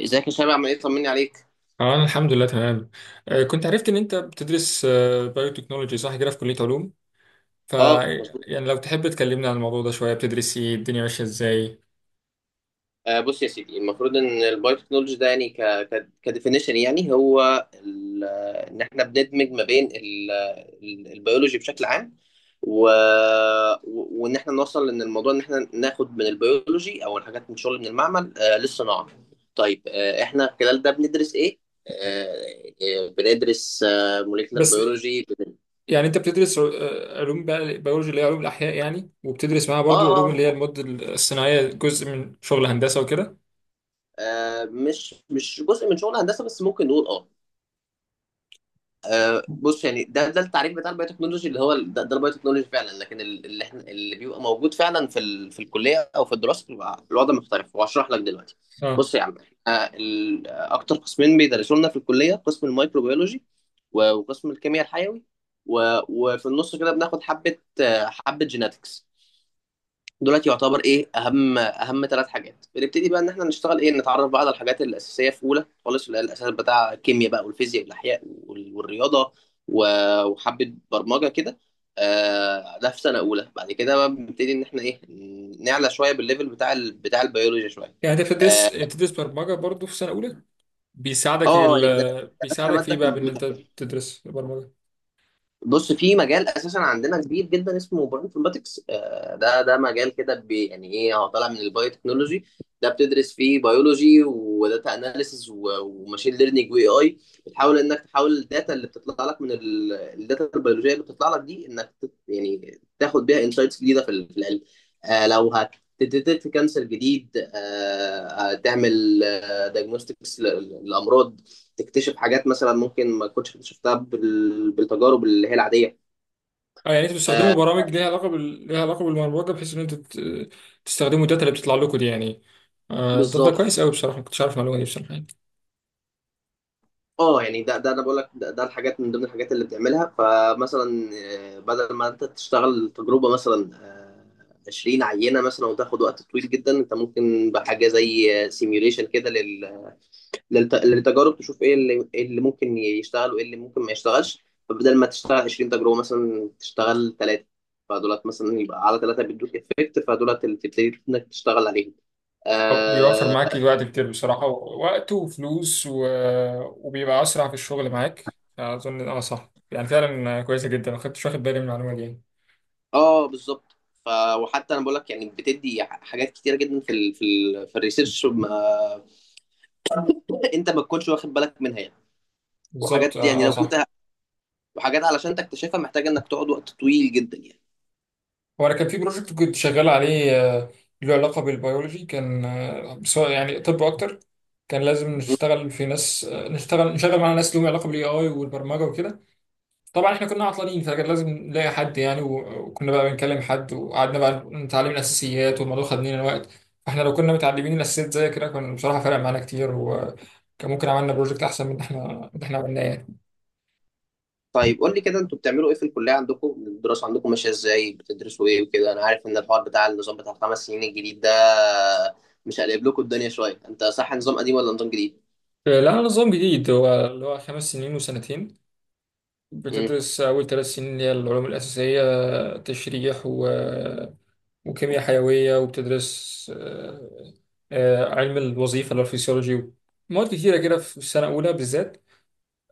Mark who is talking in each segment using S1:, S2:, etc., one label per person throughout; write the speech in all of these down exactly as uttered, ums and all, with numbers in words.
S1: ازيك يا شباب؟ عامل ايه؟ طمني عليك.
S2: اه انا الحمد لله تمام. آه، كنت عرفت ان انت بتدرس بايوتكنولوجي، صح كده، في كلية علوم. ف
S1: اه مظبوط.
S2: يعني لو تحب تكلمنا عن الموضوع ده شوية، بتدرس ايه؟ الدنيا ماشية ازاي؟
S1: آه بص يا سيدي، المفروض ان البايو تكنولوجي ده يعني ك ك كديفينيشن، يعني هو ال- ان احنا بندمج ما بين ال- ال- البيولوجي بشكل عام، و... و- وان احنا نوصل ان الموضوع ان احنا ناخد من البيولوجي او الحاجات من شغل من المعمل آه للصناعه. طيب، آه احنا خلال ده بندرس ايه؟ آه آه، بندرس آه موليكولر
S2: بس
S1: بيولوجي.
S2: يعني انت بتدرس آه، علوم بقى بيولوجي اللي هي علوم الاحياء يعني، وبتدرس معاها برضو
S1: اه
S2: العلوم اللي هي
S1: اه.
S2: المواد الصناعية، جزء من شغل هندسة وكده.
S1: آه، مش مش جزء من شغل هندسه بس، ممكن نقول اه. آه، بص، يعني ده ده التعريف بتاع البايو تكنولوجي اللي هو ال- ده, ده البايو تكنولوجي فعلا، لكن ال- اللي احنا اللي بيبقى موجود فعلا في ال... في الكليه او في الدراسه بيبقى الوضع مختلف، وهشرح لك دلوقتي.
S2: اه
S1: بص يا عم، آه، ال... آه، اكتر قسمين بيدرسوا لنا في الكليه قسم الميكروبيولوجي، و- وقسم الكيمياء الحيوي، و... وفي النص كده بناخد حبه، آه، حبه جيناتكس. دلوقتي يعتبر ايه؟ اهم اهم ثلاث حاجات بنبتدي بقى ان احنا نشتغل ايه، نتعرف بقى على الحاجات الاساسيه في اولى خالص، اللي هي الاساس بتاع الكيمياء بقى والفيزياء والاحياء وال- والرياضه، و- وحبه برمجه كده. آه، ده في سنه اولى. بعد كده بقى بنبتدي ان احنا ايه، نعلى شويه بالليفل بتاع ال- بتاع البيولوجيا شويه.
S2: يعني انت بتدرس
S1: اه.
S2: بتدرس برمجة برضو في سنة اولى؟ بيساعدك
S1: آه، يعني
S2: ال...
S1: درسنا
S2: بيساعدك في
S1: ماده
S2: ايه بقى، بان
S1: كمبيوتر
S2: انت
S1: كده.
S2: تدرس برمجة؟
S1: بص، في مجال اساسا عندنا كبير جدا اسمه بايو انفورماتكس، آه، ده ده مجال كده بي- يعني ايه، هو طالع من البايو تكنولوجي. ده بتدرس فيه بيولوجي وداتا اناليسز وماشين ليرنينج واي اي. بتحاول انك تحول الداتا اللي بتطلع لك من ال- الداتا البيولوجيه اللي بتطلع لك دي، انك تت- يعني تاخد بيها انسايتس جديده في ال- في العلم. آه، لو هتديتكت كانسر جديد، آه، هتعمل دايجنوستكس للامراض، تكتشف حاجات مثلا ممكن ما كنتش اكتشفتها بال... بالتجارب اللي هي العاديه.
S2: اه يعني انتوا بتستخدموا برامج ليها علاقه بال... ليها علاقه بالبرمجه، بحيث ان انتوا ت- تستخدموا الداتا اللي بتطلع لكم دي يعني. آه طب ده
S1: بالظبط.
S2: كويس قوي بصراحه، ما كنتش عارف المعلومه دي بصراحه يعني.
S1: اه، يعني ده ده انا بقول لك، ده, ده الحاجات من ضمن الحاجات اللي بتعملها. فمثلا آه، بدل ما انت تشتغل تجربه، مثلا آه، عشرين عينه مثلا، وتاخد وقت طويل جدا، انت ممكن بحاجه زي سيميوليشن كده لل... للت... للتجارب، تشوف ايه اللي... إيه اللي ممكن يشتغل وايه اللي ممكن ما يشتغلش. فبدل ما تشتغل عشرين تجربه، مثلا تشتغل ثلاثه. فدولت مثلا يبقى على ثلاثه بيدوك افكت، فدولت اللي تبتدي انك تشتغل عليهم.
S2: طب بيوفر
S1: اه.
S2: معاك الوقت كتير بصراحه، وقت وفلوس و... وبيبقى اسرع في الشغل معاك اظن، اه صح، يعني فعلا كويسه جدا، ما كنتش واخد بالي من المعلومه دي يعني.
S1: آه، بالظبط. ف وحتى انا بقول لك يعني بتدي ح- حاجات كتيره جدا في ال في ال في الريسيرش ما انت ما تكونش واخد بالك منها يعني.
S2: بالظبط
S1: وحاجات
S2: اه،
S1: يعني
S2: آه،
S1: لو كنت
S2: صح.
S1: ه- وحاجات علشان تكتشفها محتاجه انك تقعد وقت طويل جدا يعني.
S2: هو انا كان في بروجكت كنت شغال عليه آه، له علاقه بالبيولوجي، كان آه، سواء يعني طب اكتر، كان لازم
S1: مم.
S2: نشتغل في ناس، آه، نشتغل نشغل مع ناس لهم علاقه بالاي اي والبرمجه وكده. طبعا احنا كنا عطلانين، فكان لازم نلاقي حد يعني، و- وكنا بقى بنكلم حد وقعدنا بقى نتعلم الاساسيات، والموضوع خد مننا وقت. فاحنا لو كنا متعلمين الاساسيات زي كده، كان بصراحه فرق معانا كتير، وكان ممكن عملنا بروجكت احسن من اللي احنا من اللي احنا عملناه يعني.
S1: طيب قول لي كده، انتوا بتعملوا ايه في الكليه عندكم؟ الدراسه عندكم ماشيه ازاي؟ بتدرسوا ايه وكده؟ انا عارف ان الحوار بتاع النظام بتاع الخمس سنين الجديد ده مش قلب لكم الدنيا شويه؟ انت صح نظام قديم ولا نظام جديد؟
S2: لا، نظام جديد، هو اللي هو خمس سنين وسنتين.
S1: امم
S2: بتدرس أول ثلاث سنين اللي هي العلوم الأساسية، تشريح و... وكيمياء حيوية، وبتدرس آه، آه، علم الوظيفة اللي هو الفسيولوجي، مواد كتيرة كده في السنة الأولى بالذات.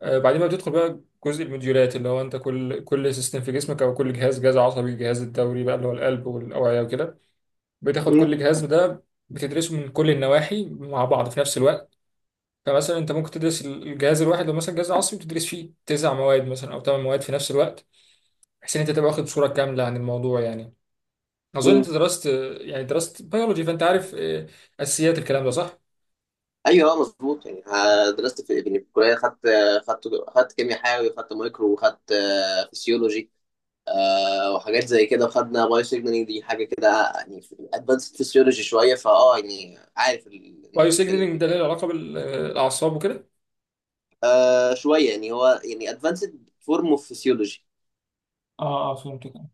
S2: آه، بعدين بقى بتدخل بقى جزء الموديولات، اللي هو أنت كل كل سيستم في جسمك أو كل جهاز، جهاز عصبي، الجهاز الدوري بقى اللي هو القلب والأوعية وكده. بتاخد كل جهاز ده بتدرسه من كل النواحي مع بعض في نفس الوقت. فمثلا أنت ممكن تدرس الجهاز الواحد، لو مثلا جهاز عصبي بتدرس فيه تسع مواد مثلا أو ثمان مواد في نفس الوقت، بحيث ان انت تبقى واخد صوره كامله عن الموضوع يعني. اظن
S1: امم
S2: انت درست، يعني درست بيولوجي، فانت عارف آه، اساسيات الكلام ده صح؟
S1: ايوه اه مظبوط. يعني آه، درست في، يعني في الكليه خدت خدت خدت كيمياء حيوي، خدت مايكرو، وخدت آه، فسيولوجي، آه، وحاجات زي كده. وخدنا بايو سيجنالينج، دي حاجه كده يعني ادفانسد فسيولوجي شويه. فاه يعني عارف ال- اللي انت
S2: وايو
S1: بتتكلم
S2: سيجنالينج
S1: فيه.
S2: ده له علاقه بالاعصاب وكده؟
S1: آه شويه، يعني هو يعني ادفانسد فورم اوف فسيولوجي.
S2: اه اه، فهمت كده.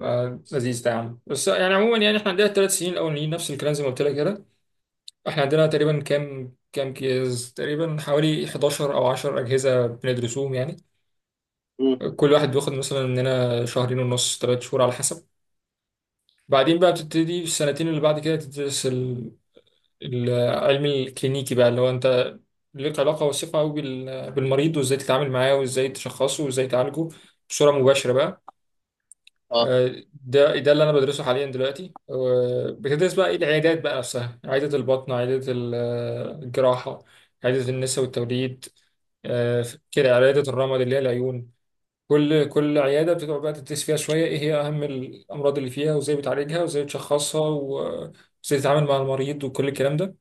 S2: آه، لذيذ ده يا عم. بس يعني عموما يعني احنا عندنا الثلاث سنين الاولانيين نفس الكلام زي ما قلت لك كده. احنا عندنا تقريبا كام كام كيس تقريبا، حوالي حداشر او عشر اجهزه بندرسوهم يعني.
S1: امم.
S2: كل واحد بياخد مثلا مننا شهرين ونص، ثلاث شهور على حسب. بعدين بقى بتبتدي في السنتين اللي بعد كده تدرس العلم الكلينيكي بقى، اللي هو انت ليك علاقة وثيقة قوي بالمريض، وازاي تتعامل معاه، وازاي تشخصه، وازاي تعالجه بصورة مباشرة بقى.
S1: اه.
S2: آه، ده ده اللي انا بدرسه حاليا دلوقتي. آه، بتدرس بقى ايه؟ العيادات بقى نفسها، عيادة البطن، عيادة ال- آه، الجراحة، عيادة النساء والتوليد، آه، كده عيادة الرمد اللي هي العيون. كل كل عيادة بتقعد بقى تدرس فيها شوية ايه هي اهم الامراض اللي فيها، وازاي بتعالجها، وازاي بتشخصها، و- وازاي تتعامل مع المريض، وكل الكلام ده.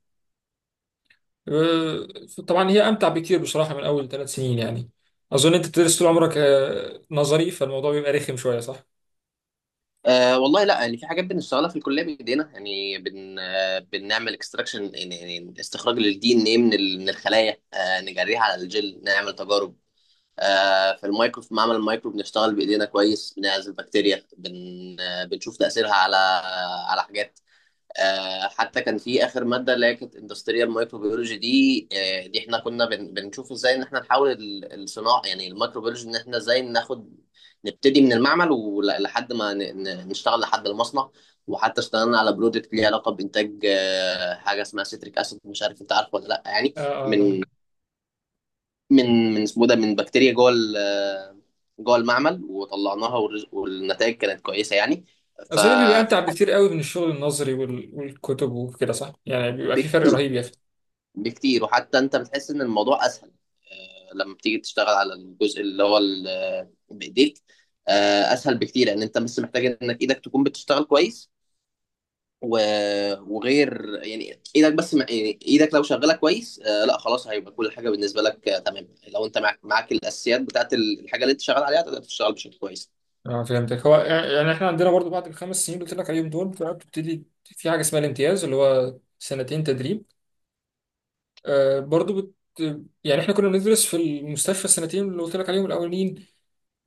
S2: آه، طبعا هي امتع بكتير بصراحه من اول ثلاث سنين يعني. اظن انت بتدرس طول عمرك آه، نظري، فالموضوع بيبقى رخم شويه صح؟
S1: آه والله لا، يعني في حاجات بنشتغلها في الكليه بايدينا، يعني بن آه بنعمل اكستراكشن، يعني يعني استخراج للدي ان ايه من ال- من الخلايا، آه نجريها على الجل، نعمل تجارب. آه، في المايكرو، في معمل المايكرو بنشتغل بايدينا كويس، بنعزل بكتيريا، بن آه، بنشوف تاثيرها على على حاجات. آه، حتى كان في اخر ماده اللي هي كانت اندستريال مايكروبيولوجي دي، آه، دي احنا كنا بن- بنشوف ازاي ان احنا نحول ال- الصناعه، يعني الميكروبيولوجي ان احنا ازاي ناخد، نبتدي من المعمل ولحد ما ن- ن- نشتغل لحد المصنع. وحتى اشتغلنا على برودكت ليه علاقه بانتاج آه، حاجه اسمها سيتريك اسيد، مش عارف انت عارفه ولا لا يعني.
S2: اه اه
S1: من
S2: طبعا.
S1: من من اسمه ده، من بكتيريا جوه ال- آه، جوه المعمل، وطلعناها، والرز- والنتائج كانت كويسه يعني.
S2: اظن بيبقى امتع
S1: ففي حد
S2: بكتير قوي من الشغل النظري وال- والكتب وكده صح، يعني بيبقى في فرق
S1: بكتير
S2: رهيب يا اخي.
S1: بكتير، وحتى انت بتحس ان الموضوع اسهل، آه، لما بتيجي تشتغل على الجزء اللي هو ال- آه، بايديك. آه، اسهل بكتير لان انت بس محتاج انك ايدك تكون بتشتغل كويس، و- وغير يعني ايدك بس ما- يعني ايدك لو شغاله كويس، آه، لا خلاص هيبقى كل حاجه بالنسبه لك آه، تمام. لو انت معاك معاك الاساسيات بتاعت الحاجه اللي انت شغال عليها تقدر تشتغل بشكل كويس.
S2: اه فهمتك. هو آه، يعني احنا عندنا برضو بعد الخمس سنين اللي قلت لك عليهم دول، بقى بتبتدي في حاجه اسمها الامتياز، اللي هو سنتين تدريب. آه برضو بت يعني احنا كنا بندرس في المستشفى السنتين اللي قلت لك عليهم الاولين،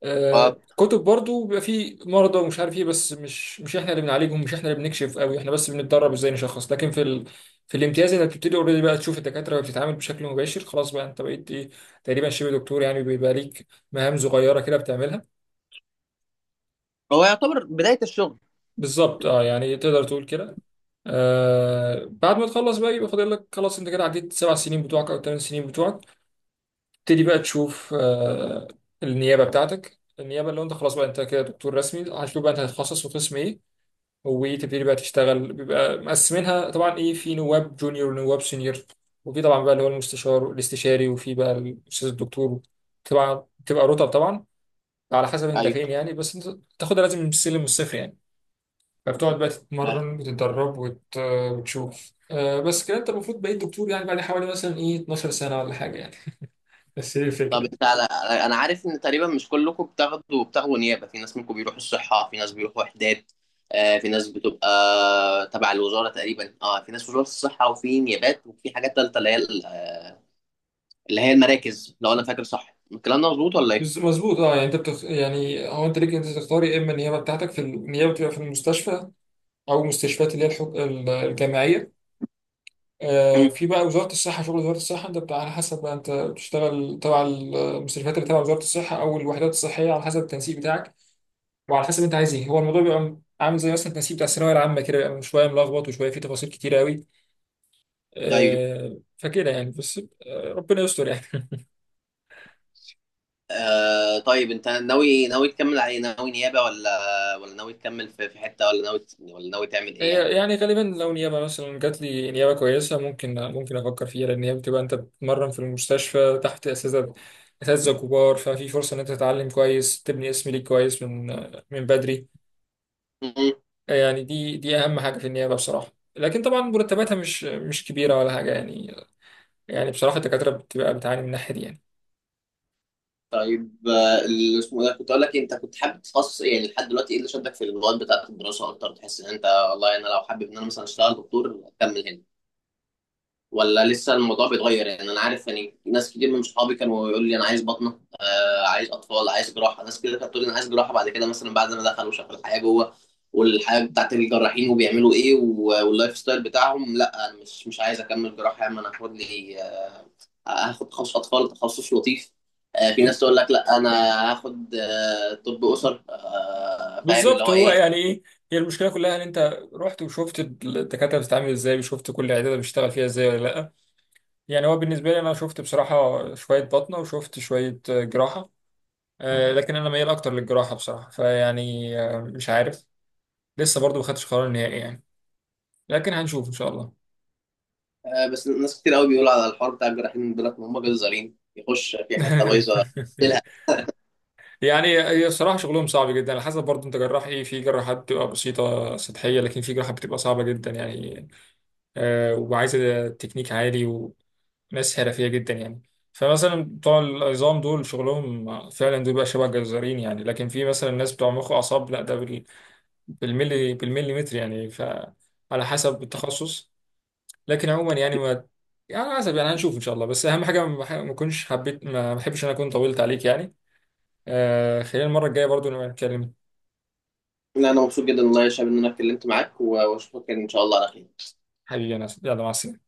S2: آه،
S1: اه،
S2: كتب برضو بيبقى فيه مرضى ومش عارف ايه، بس مش مش احنا اللي بنعالجهم، مش احنا اللي بنكشف قوي، احنا بس بنتدرب ازاي نشخص. لكن في ال... في الامتياز انك بتبتدي اوريدي بقى تشوف الدكاتره بتتعامل بشكل مباشر، خلاص بقى انت بقيت ايه، تقريبا شبه دكتور يعني، بيبقى ليك مهام صغيره كده بتعملها.
S1: هو يعتبر بداية الشغل.
S2: بالظبط اه، يعني تقدر تقول كده. آه، بعد ما تخلص بقى، يبقى فاضل لك خلاص، انت كده عديت السبع سنين بتوعك او الثمان سنين بتوعك، تبتدي بقى تشوف آه النيابه بتاعتك. النيابه اللي هو انت خلاص بقى انت كده دكتور رسمي، هتشوف بقى انت هتتخصص في قسم ايه، وتبتدي بقى تشتغل. بيبقى مقسمينها طبعا ايه، في نواب جونيور ونواب سينيور، وفي طبعا بقى اللي هو المستشار الاستشاري، وفي بقى الاستاذ الدكتور. طبعا بتبقى رتب طبعا، على حسب انت فين
S1: ايوه.
S2: يعني، بس انت تاخدها لازم من السلم والصفر يعني. فبتقعد بقى
S1: آه،
S2: تتمرن وتتدرب وت... وتشوف آه. بس كده انت المفروض بقيت دكتور يعني بعد حوالي مثلا ايه اتناشر سنه ولا حاجه يعني. بس هي
S1: طب
S2: الفكره.
S1: انت على على- انا عارف ان تقريبا مش كلكم بتاخدوا بتاخدوا نيابة، في ناس منكم بيروحوا الصحة، في ناس بيروحوا وحدات، آه، في ناس بتبقى تبع الوزارة تقريبا. اه، في ناس وزارة الصحة، وفي نيابات، وفي حاجات تالتة اللي هي ال- آه، اللي هي المراكز، لو انا فاكر صح الكلام ده مظبوط ولا ايه؟
S2: بس- مظبوط اه. يعني انت بتخ... يعني هو انت ليك انت تختار، يا اما النيابه بتاعتك، في النيابه بتبقى في المستشفى او مستشفيات اللي هي الحك... الجامعيه. آه،
S1: مم.
S2: في بقى وزارة الصحة، شغل وزارة الصحة انت بتاع على حسب بقى، انت بتشتغل تبع المستشفيات اللي تبع وزارة الصحة، او الوحدات الصحية، على حسب التنسيق بتاعك وعلى حسب انت عايز ايه. هو الموضوع بيبقى عامل زي مثلا التنسيق بتاع الثانوية العامة كده، بيبقى شوية ملخبط وشوية فيه تفاصيل كتير قوي.
S1: ايوه.
S2: آه، فكده يعني بس. آه، ربنا يستر يعني.
S1: آه طيب انت ناوي ناوي تكمل على ايه؟ ناوي نيابة ولا ولا ناوي تكمل في في حتة ولا ناوي ولا ناوي تعمل ايه
S2: هي- يعني غالبا لو نيابة مثلا جات لي نيابة كويسة، ممكن ممكن افكر فيها، لان هي بتبقى انت بتتمرن في المستشفى تحت اساتذة اساتذة كبار، ففي فرصة ان انت تتعلم كويس، تبني اسم ليك كويس من من بدري
S1: يعني؟
S2: يعني. دي دي اهم حاجه في النيابه بصراحه، لكن طبعا مرتباتها مش مش كبيره ولا حاجه يعني، يعني بصراحه الدكاتره بتبقى بتعاني من الناحيه دي يعني.
S1: طيب آه، اللي اسمه ده، كنت اقول لك إيه، انت كنت حابب تتخصص ايه يعني لحد دلوقتي؟ ايه اللي شدك في المواد بتاعت الدراسه اكتر؟ تحس ان انت، والله انا لو حابب ان انا مثلا اشتغل دكتور اكمل هنا، ولا لسه الموضوع بيتغير؟ يعني انا عارف يعني ناس كتير من صحابي كانوا يقول لي انا عايز بطنه، آه عايز اطفال، عايز جراحه. ناس كده كانت تقول لي انا عايز جراحه، بعد كده مثلا بعد ما دخلوا شافوا الحياه جوه، والحياه بتاعت الجراحين، وبيعملوا ايه، و- واللايف ستايل بتاعهم، لا انا مش مش عايز اكمل جراحه يا عم، انا هاخد لي، هاخد تخصص اطفال، تخصص لطيف. آه، في ناس تقول لك لا انا هاخد، آه، طب اسر، آه، فاهم اللي
S2: بالظبط.
S1: هو
S2: هو
S1: ايه.
S2: يعني ايه، هي المشكله كلها ان انت رحت وشفت الدكاتره بتتعامل ازاي، وشفت كل عياده بيشتغل فيها ازاي ولا لا. يعني هو بالنسبه لي انا شفت بصراحه شويه بطنه وشفت شويه جراحه، آه، لكن انا ميال اكتر للجراحه بصراحه، فيعني آه، مش عارف، لسه برضو ما خدتش قرار نهائي يعني، لكن هنشوف ان شاء الله.
S1: آه، بس ناس كتير قوي بيقولوا على الحوار بتاع الجراحين، بيقول لك هم جزارين، يخش في حته بايظه تلها.
S2: يعني هي صراحة شغلهم صعب جدا، على حسب برضه انت جراح ايه. في جراحات بتبقى بسيطة سطحية، لكن في جراحات بتبقى صعبة جدا يعني، آه وعايزة تكنيك عالي وناس حرفية جدا يعني. فمثلا بتوع العظام دول شغلهم فعلا دول بقى شبه جزارين يعني، لكن في مثلا ناس بتوع مخ وأعصاب لا، ده بال- بالملي بالمليمتر يعني، فعلى حسب التخصص. لكن عموما يعني ما يعني على حسب، يعني هنشوف ان شاء الله. بس اهم حاجة ما ما اكونش حبيت ما ما بحبش ان انا اكون طولت عليك يعني. آه خلينا المرة الجاية برضو نبقى نتكلم.
S1: لا انا مبسوط جدا والله يا شباب ان انا اتكلمت معاك، و- واشوفك ان شاء الله على خير.
S2: حبيبي يا ناصر، يلا مع السلامة.